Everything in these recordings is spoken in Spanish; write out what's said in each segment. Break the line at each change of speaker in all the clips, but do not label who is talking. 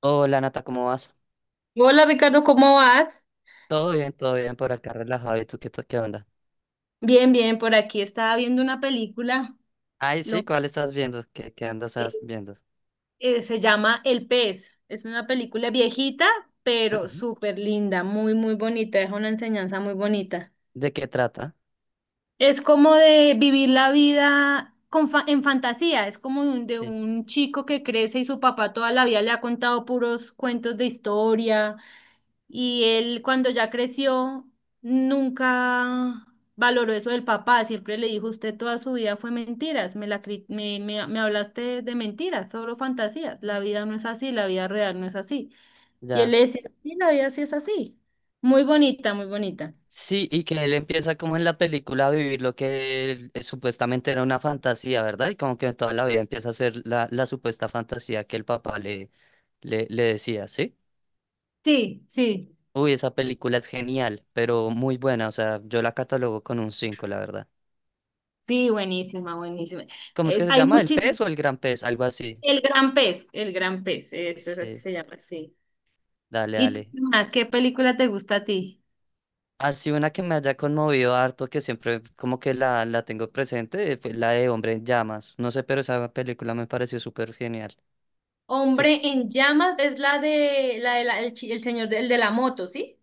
Hola Nata, ¿cómo vas?
Hola Ricardo, ¿cómo vas?
Todo bien por acá, relajado. ¿Y tú qué, qué onda?
Bien, bien, por aquí estaba viendo una película,
Ay, sí,
lo-
¿cuál estás viendo? ¿Qué andas
eh,
viendo?
se llama El pez, es una película viejita, pero
Ujú.
súper linda, muy, muy bonita, es una enseñanza muy bonita.
¿De qué trata?
Es como de vivir la vida con en fantasía, es como de
Sí,
un chico que crece y su papá toda la vida le ha contado puros cuentos de historia. Y él cuando ya creció nunca valoró eso del papá, siempre le dijo, usted toda su vida fue mentiras, me, la, cri- me hablaste de mentiras, solo fantasías, la vida no es así, la vida real no es así. Y él
ya.
le decía, sí, la vida sí es así. Muy bonita, muy bonita.
Sí, y que él empieza como en la película a vivir lo que él, supuestamente era una fantasía, ¿verdad? Y como que toda la vida empieza a ser la supuesta fantasía que el papá le decía, ¿sí?
Sí, sí,
Uy, esa película es genial, pero muy buena. O sea, yo la catalogo con un 5, la verdad.
sí, buenísima, buenísima.
¿Cómo es que se
Hay
llama? ¿El
muchísimo.
pez o el gran pez? Algo así.
El gran pez, eso es lo que
Sí,
se llama, sí.
dale,
¿Y tú,
dale.
qué más? ¿Qué película te gusta a ti?
Así una que me haya conmovido harto, que siempre como que la tengo presente, fue la de Hombre en Llamas. No sé, pero esa película me pareció súper genial. Sí,
Hombre en llamas es la de la, de la- el, chi- el señor del de la moto, ¿sí?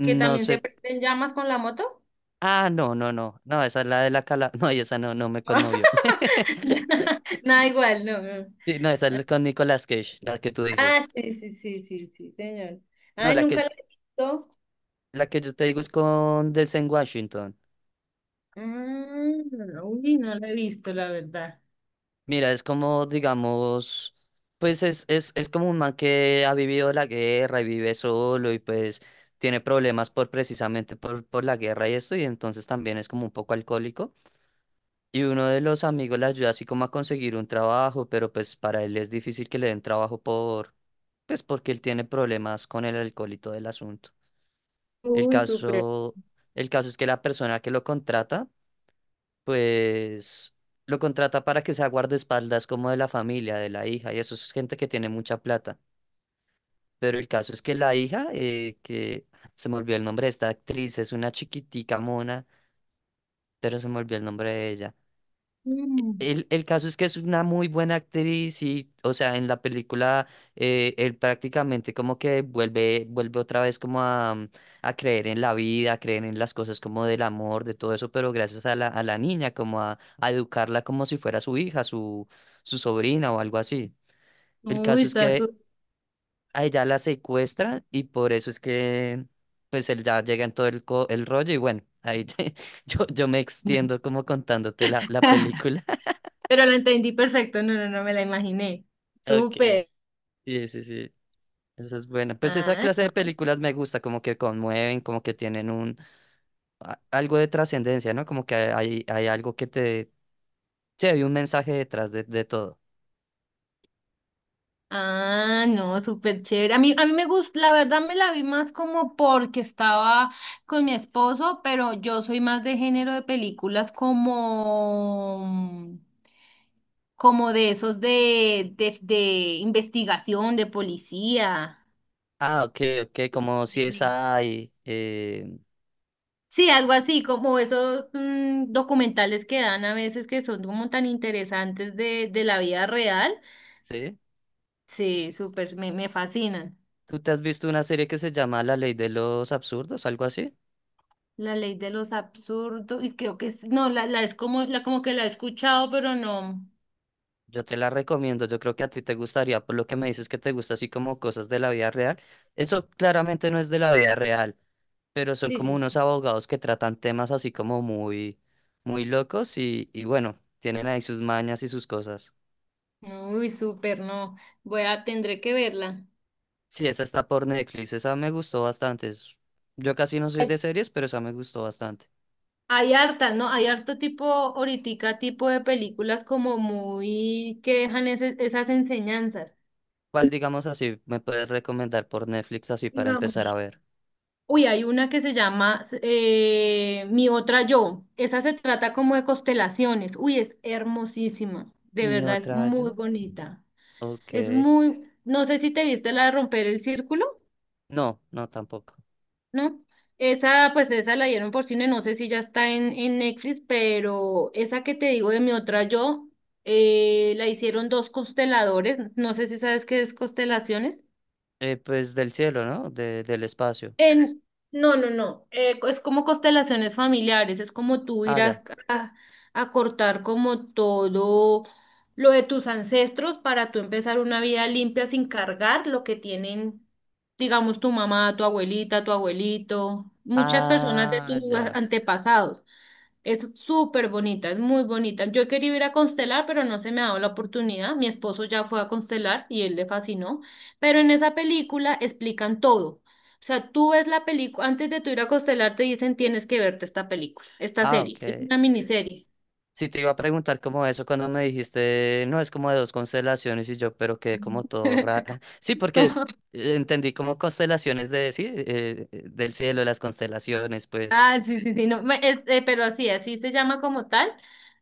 Que también se
sé.
prende en llamas con la moto.
Ah, no, no, no. No, esa es la de la cala. No, y esa no, no me conmovió.
Nada igual, no, no.
Sí, no, esa es con Nicolas Cage, la que tú
Ah,
dices.
sí, sí, sí, sí, sí, señor.
No,
Ay,
la
nunca la
que,
he visto.
la que yo te digo es con Denzel Washington.
Ah, uy, no la he visto, la verdad.
Mira, es como, digamos, pues es como un man que ha vivido la guerra y vive solo y pues tiene problemas por precisamente por la guerra y esto, y entonces también es como un poco alcohólico. Y uno de los amigos le ayuda así como a conseguir un trabajo, pero pues para él es difícil que le den trabajo pues porque él tiene problemas con el alcohol y todo el asunto. El
Uy, súper.
caso, el caso es que la persona que lo contrata pues lo contrata para que sea guardaespaldas como de la familia, de la hija, y eso es gente que tiene mucha plata. Pero el caso es que la hija, que se me olvidó el nombre de esta actriz, es una chiquitica mona, pero se me olvidó el nombre de ella.
Mm.
El caso es que es una muy buena actriz y, o sea, en la película él prácticamente como que vuelve, vuelve otra vez como a creer en la vida, a creer en las cosas como del amor, de todo eso, pero gracias a la niña, como a educarla como si fuera su hija, su sobrina o algo así. El
Uy,
caso es
está
que
súper.
a ella la secuestran y por eso es que pues él ya llega en todo el, el rollo y bueno, ahí yo me extiendo como contándote la película.
Pero la entendí perfecto. No, no, no me la imaginé.
Ok.
Súper.
Sí, sí, sí. Esa es buena. Pues esa
Ah,
clase de
no.
películas me gusta, como que conmueven, como que tienen un algo de trascendencia, ¿no? Como que hay algo que te. Sí, hay un mensaje detrás de todo.
Ah, no, súper chévere. A mí me gusta, la verdad me la vi más como porque estaba con mi esposo, pero yo soy más de género de películas como, como de esos de investigación, de policía.
Ah, ok, ok, como si
Me-
es
me-
ahí.
Sí, algo así, como esos documentales que dan a veces que son como tan interesantes de la vida real.
¿Sí?
Sí, súper, me fascinan.
¿Tú te has visto una serie que se llama La Ley de los Absurdos, algo así?
La ley de los absurdos, y creo que es, no, la como que la he escuchado, pero no.
Yo te la recomiendo, yo creo que a ti te gustaría, por lo que me dices que te gusta así como cosas de la vida real. Eso claramente no es de la vida real, pero son
Sí,
como
sí.
unos
Sí.
abogados que tratan temas así como muy, muy locos y bueno, tienen ahí sus mañas y sus cosas.
No, uy, súper, no. Tendré que verla.
Sí, esa está por Netflix, esa me gustó bastante. Yo casi no soy de series, pero esa me gustó bastante.
Hay harta, ¿no? Hay harto tipo, ahoritica tipo de películas como muy que dejan esas enseñanzas.
¿Cuál, digamos así, me puedes recomendar por Netflix así para empezar
Digamos.
a ver?
Uy, hay una que se llama Mi otra yo. Esa se trata como de constelaciones. Uy, es hermosísima. De
¿Mi
verdad, es
otra
muy
yo?
bonita.
Ok.
Es muy, no sé si te viste la de romper el círculo,
No, no tampoco.
¿no? Esa, pues esa la dieron por cine, no sé si ya está en Netflix, pero esa que te digo de mi otra yo, la hicieron dos consteladores, no sé si sabes qué es constelaciones.
Pues del cielo, ¿no? Del espacio.
En, no, no, no. Es como constelaciones familiares, es como tú
Ah,
ir
ya.
a, a- a cortar como todo lo de tus ancestros para tú empezar una vida limpia sin cargar lo que tienen, digamos, tu mamá, tu abuelita, tu abuelito, muchas personas de
Ah,
tus
ya.
antepasados. Es súper bonita, es muy bonita. Yo quería ir a constelar, pero no se me ha dado la oportunidad. Mi esposo ya fue a constelar y él le fascinó. Pero en esa película explican todo. O sea, tú ves la película, antes de tú ir a constelar te dicen tienes que verte esta película, esta
Ah,
serie. Es
ok.
una miniserie.
Sí, te iba a preguntar como eso cuando me dijiste, no, es como de dos constelaciones y yo, pero quedé como todo raro. Sí, porque
Como-
entendí como constelaciones de, sí, del cielo, las constelaciones, pues.
Ah, sí, sí, sí, no, pero así, así se llama como tal.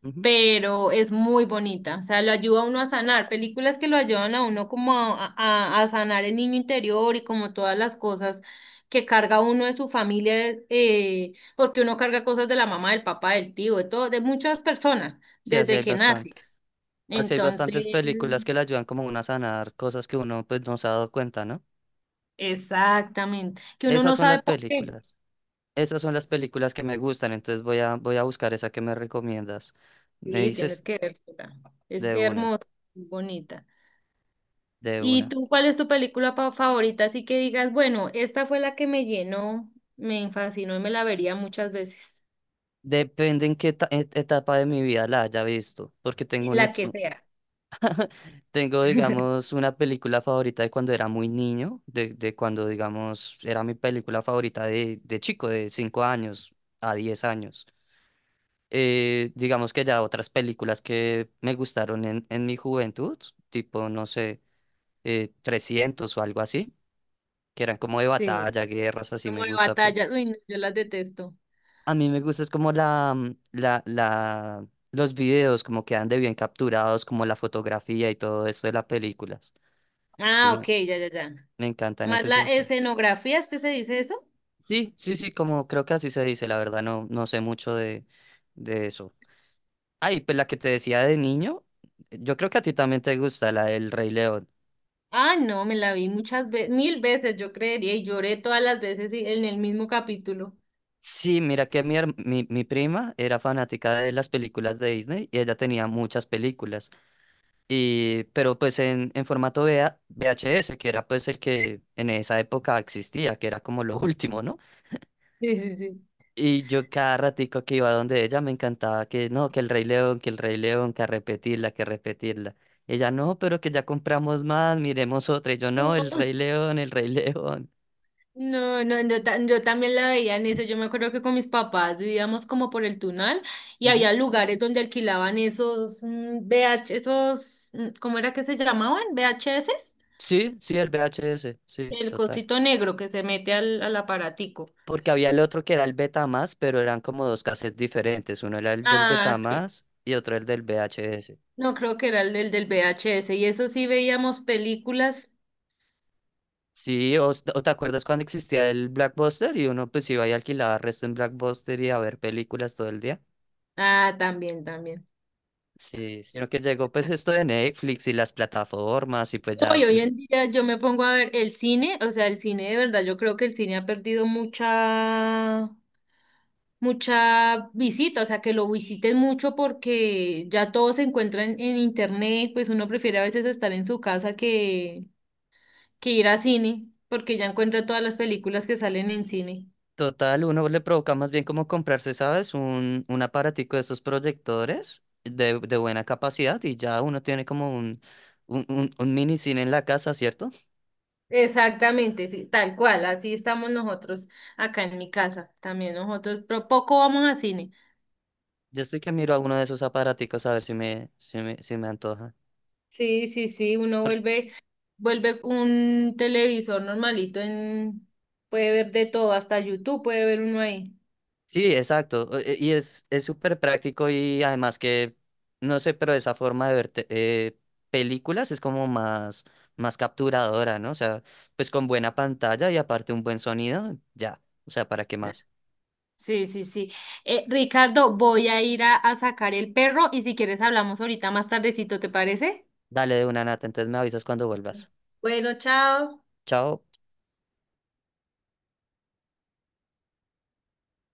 Ujú.
Pero es muy bonita, o sea, lo ayuda a uno a sanar, películas que lo ayudan a uno como a, a sanar el niño interior y como todas las cosas que carga uno de su familia, porque uno carga cosas de la mamá, del papá, del tío, de todo, de muchas personas,
Sí, así
desde
hay
que nace.
bastantes. Así hay
Entonces,
bastantes películas que le ayudan como uno a sanar cosas que uno pues no se ha dado cuenta, ¿no?
exactamente, que uno
Esas
no
son las
sabe por qué.
películas. Esas son las películas que me gustan, entonces voy a, voy a buscar esa que me recomiendas. Me
Sí, tienes
dices
que verla. Es
de una,
hermosa, muy bonita.
de
¿Y
una.
tú cuál es tu película favorita? Así que digas, bueno, esta fue la que me llenó, me fascinó y me la vería muchas veces.
Depende en qué etapa de mi vida la haya visto, porque tengo
En
una,
la que sea.
tengo, digamos, una película favorita de cuando era muy niño, de cuando, digamos, era mi película favorita de chico, de 5 años a 10 años. Digamos que ya otras películas que me gustaron en mi juventud, tipo, no sé, 300 o algo así, que eran como de
Sí.
batalla, guerras, así me
Como de
gusta, pues.
batallas. Uy, no, yo las detesto.
A mí me gusta es como la, mm, la, los videos como quedan de bien capturados, como la fotografía y todo esto de las películas.
Ah,
Entonces,
ok,
me,
ya, ya, ya.
me encanta en
Más
ese
la
sentido.
escenografía, ¿es que se dice eso?
Sí, sí, sí, como creo que así se dice, la verdad no sé mucho de eso. Ay, pues la que te decía de niño, yo creo que a ti también te gusta, la del Rey León.
Ah, no, me la vi muchas veces, mil veces, yo creería, y lloré todas las veces en el mismo capítulo.
Sí, mira que mi prima era fanática de las películas de Disney y ella tenía muchas películas. Pero pues en formato V V A V H VHS, que era pues el que en esa época existía, que era como lo último, ¿no?
Sí, sí, sí.
Y yo cada ratico que iba donde ella me encantaba que no, que el Rey León, que el Rey León, que a repetirla, que a repetirla. Ella no, pero que ya compramos más, miremos otra. Y yo no, el Rey León, el Rey León.
No, no, yo también la veía en eso. Yo me acuerdo que con mis papás vivíamos como por el Tunal y
Ujú.
había lugares donde alquilaban esos V H esos, ¿cómo era que se llamaban? VHS
Sí, sí, el V H VHS, sí,
el
total.
cosito negro que se mete al aparatico.
Porque había el otro que era el Betamax, pero eran como dos cassettes diferentes. Uno era el del
Ah, ok.
Betamax y otro el del V H VHS.
No creo que era el del VHS y eso sí veíamos películas.
Sí, o te acuerdas cuando existía el Blackbuster y uno pues iba y alquilaba resto en Blackbuster y a ver películas todo el día.
Ah, también, también.
Sí, sino que llegó pues esto de Netflix y las plataformas y pues ya,
Hoy
pues
en día yo me pongo a ver el cine, o sea, el cine de verdad, yo creo que el cine ha perdido mucha visita, o sea, que lo visiten mucho porque ya todo se encuentra en internet, pues uno prefiere a veces estar en su casa que ir a cine, porque ya encuentra todas las películas que salen en cine.
total, uno le provoca más bien como comprarse, ¿sabes? Un aparatico de esos proyectores de buena capacidad y ya uno tiene como un, mini cine en la casa, ¿cierto?
Exactamente, sí, tal cual, así estamos nosotros acá en mi casa, también nosotros, pero poco vamos a cine.
Yo estoy que miro a uno de esos aparaticos a ver si me antoja.
Sí, sí, sí, uno vuelve un televisor normalito en, puede ver de todo, hasta YouTube puede ver uno ahí.
Sí, exacto. Y es súper práctico y además que, no sé, pero esa forma de ver películas es como más capturadora, ¿no? O sea, pues con buena pantalla y aparte un buen sonido, ya. O sea, ¿para qué más?
Sí, sí, sí. Ricardo, voy a ir a sacar el perro y si quieres hablamos ahorita más tardecito, ¿te parece?
Dale de una Nata, entonces me avisas cuando vuelvas.
Bueno, chao.
Chao.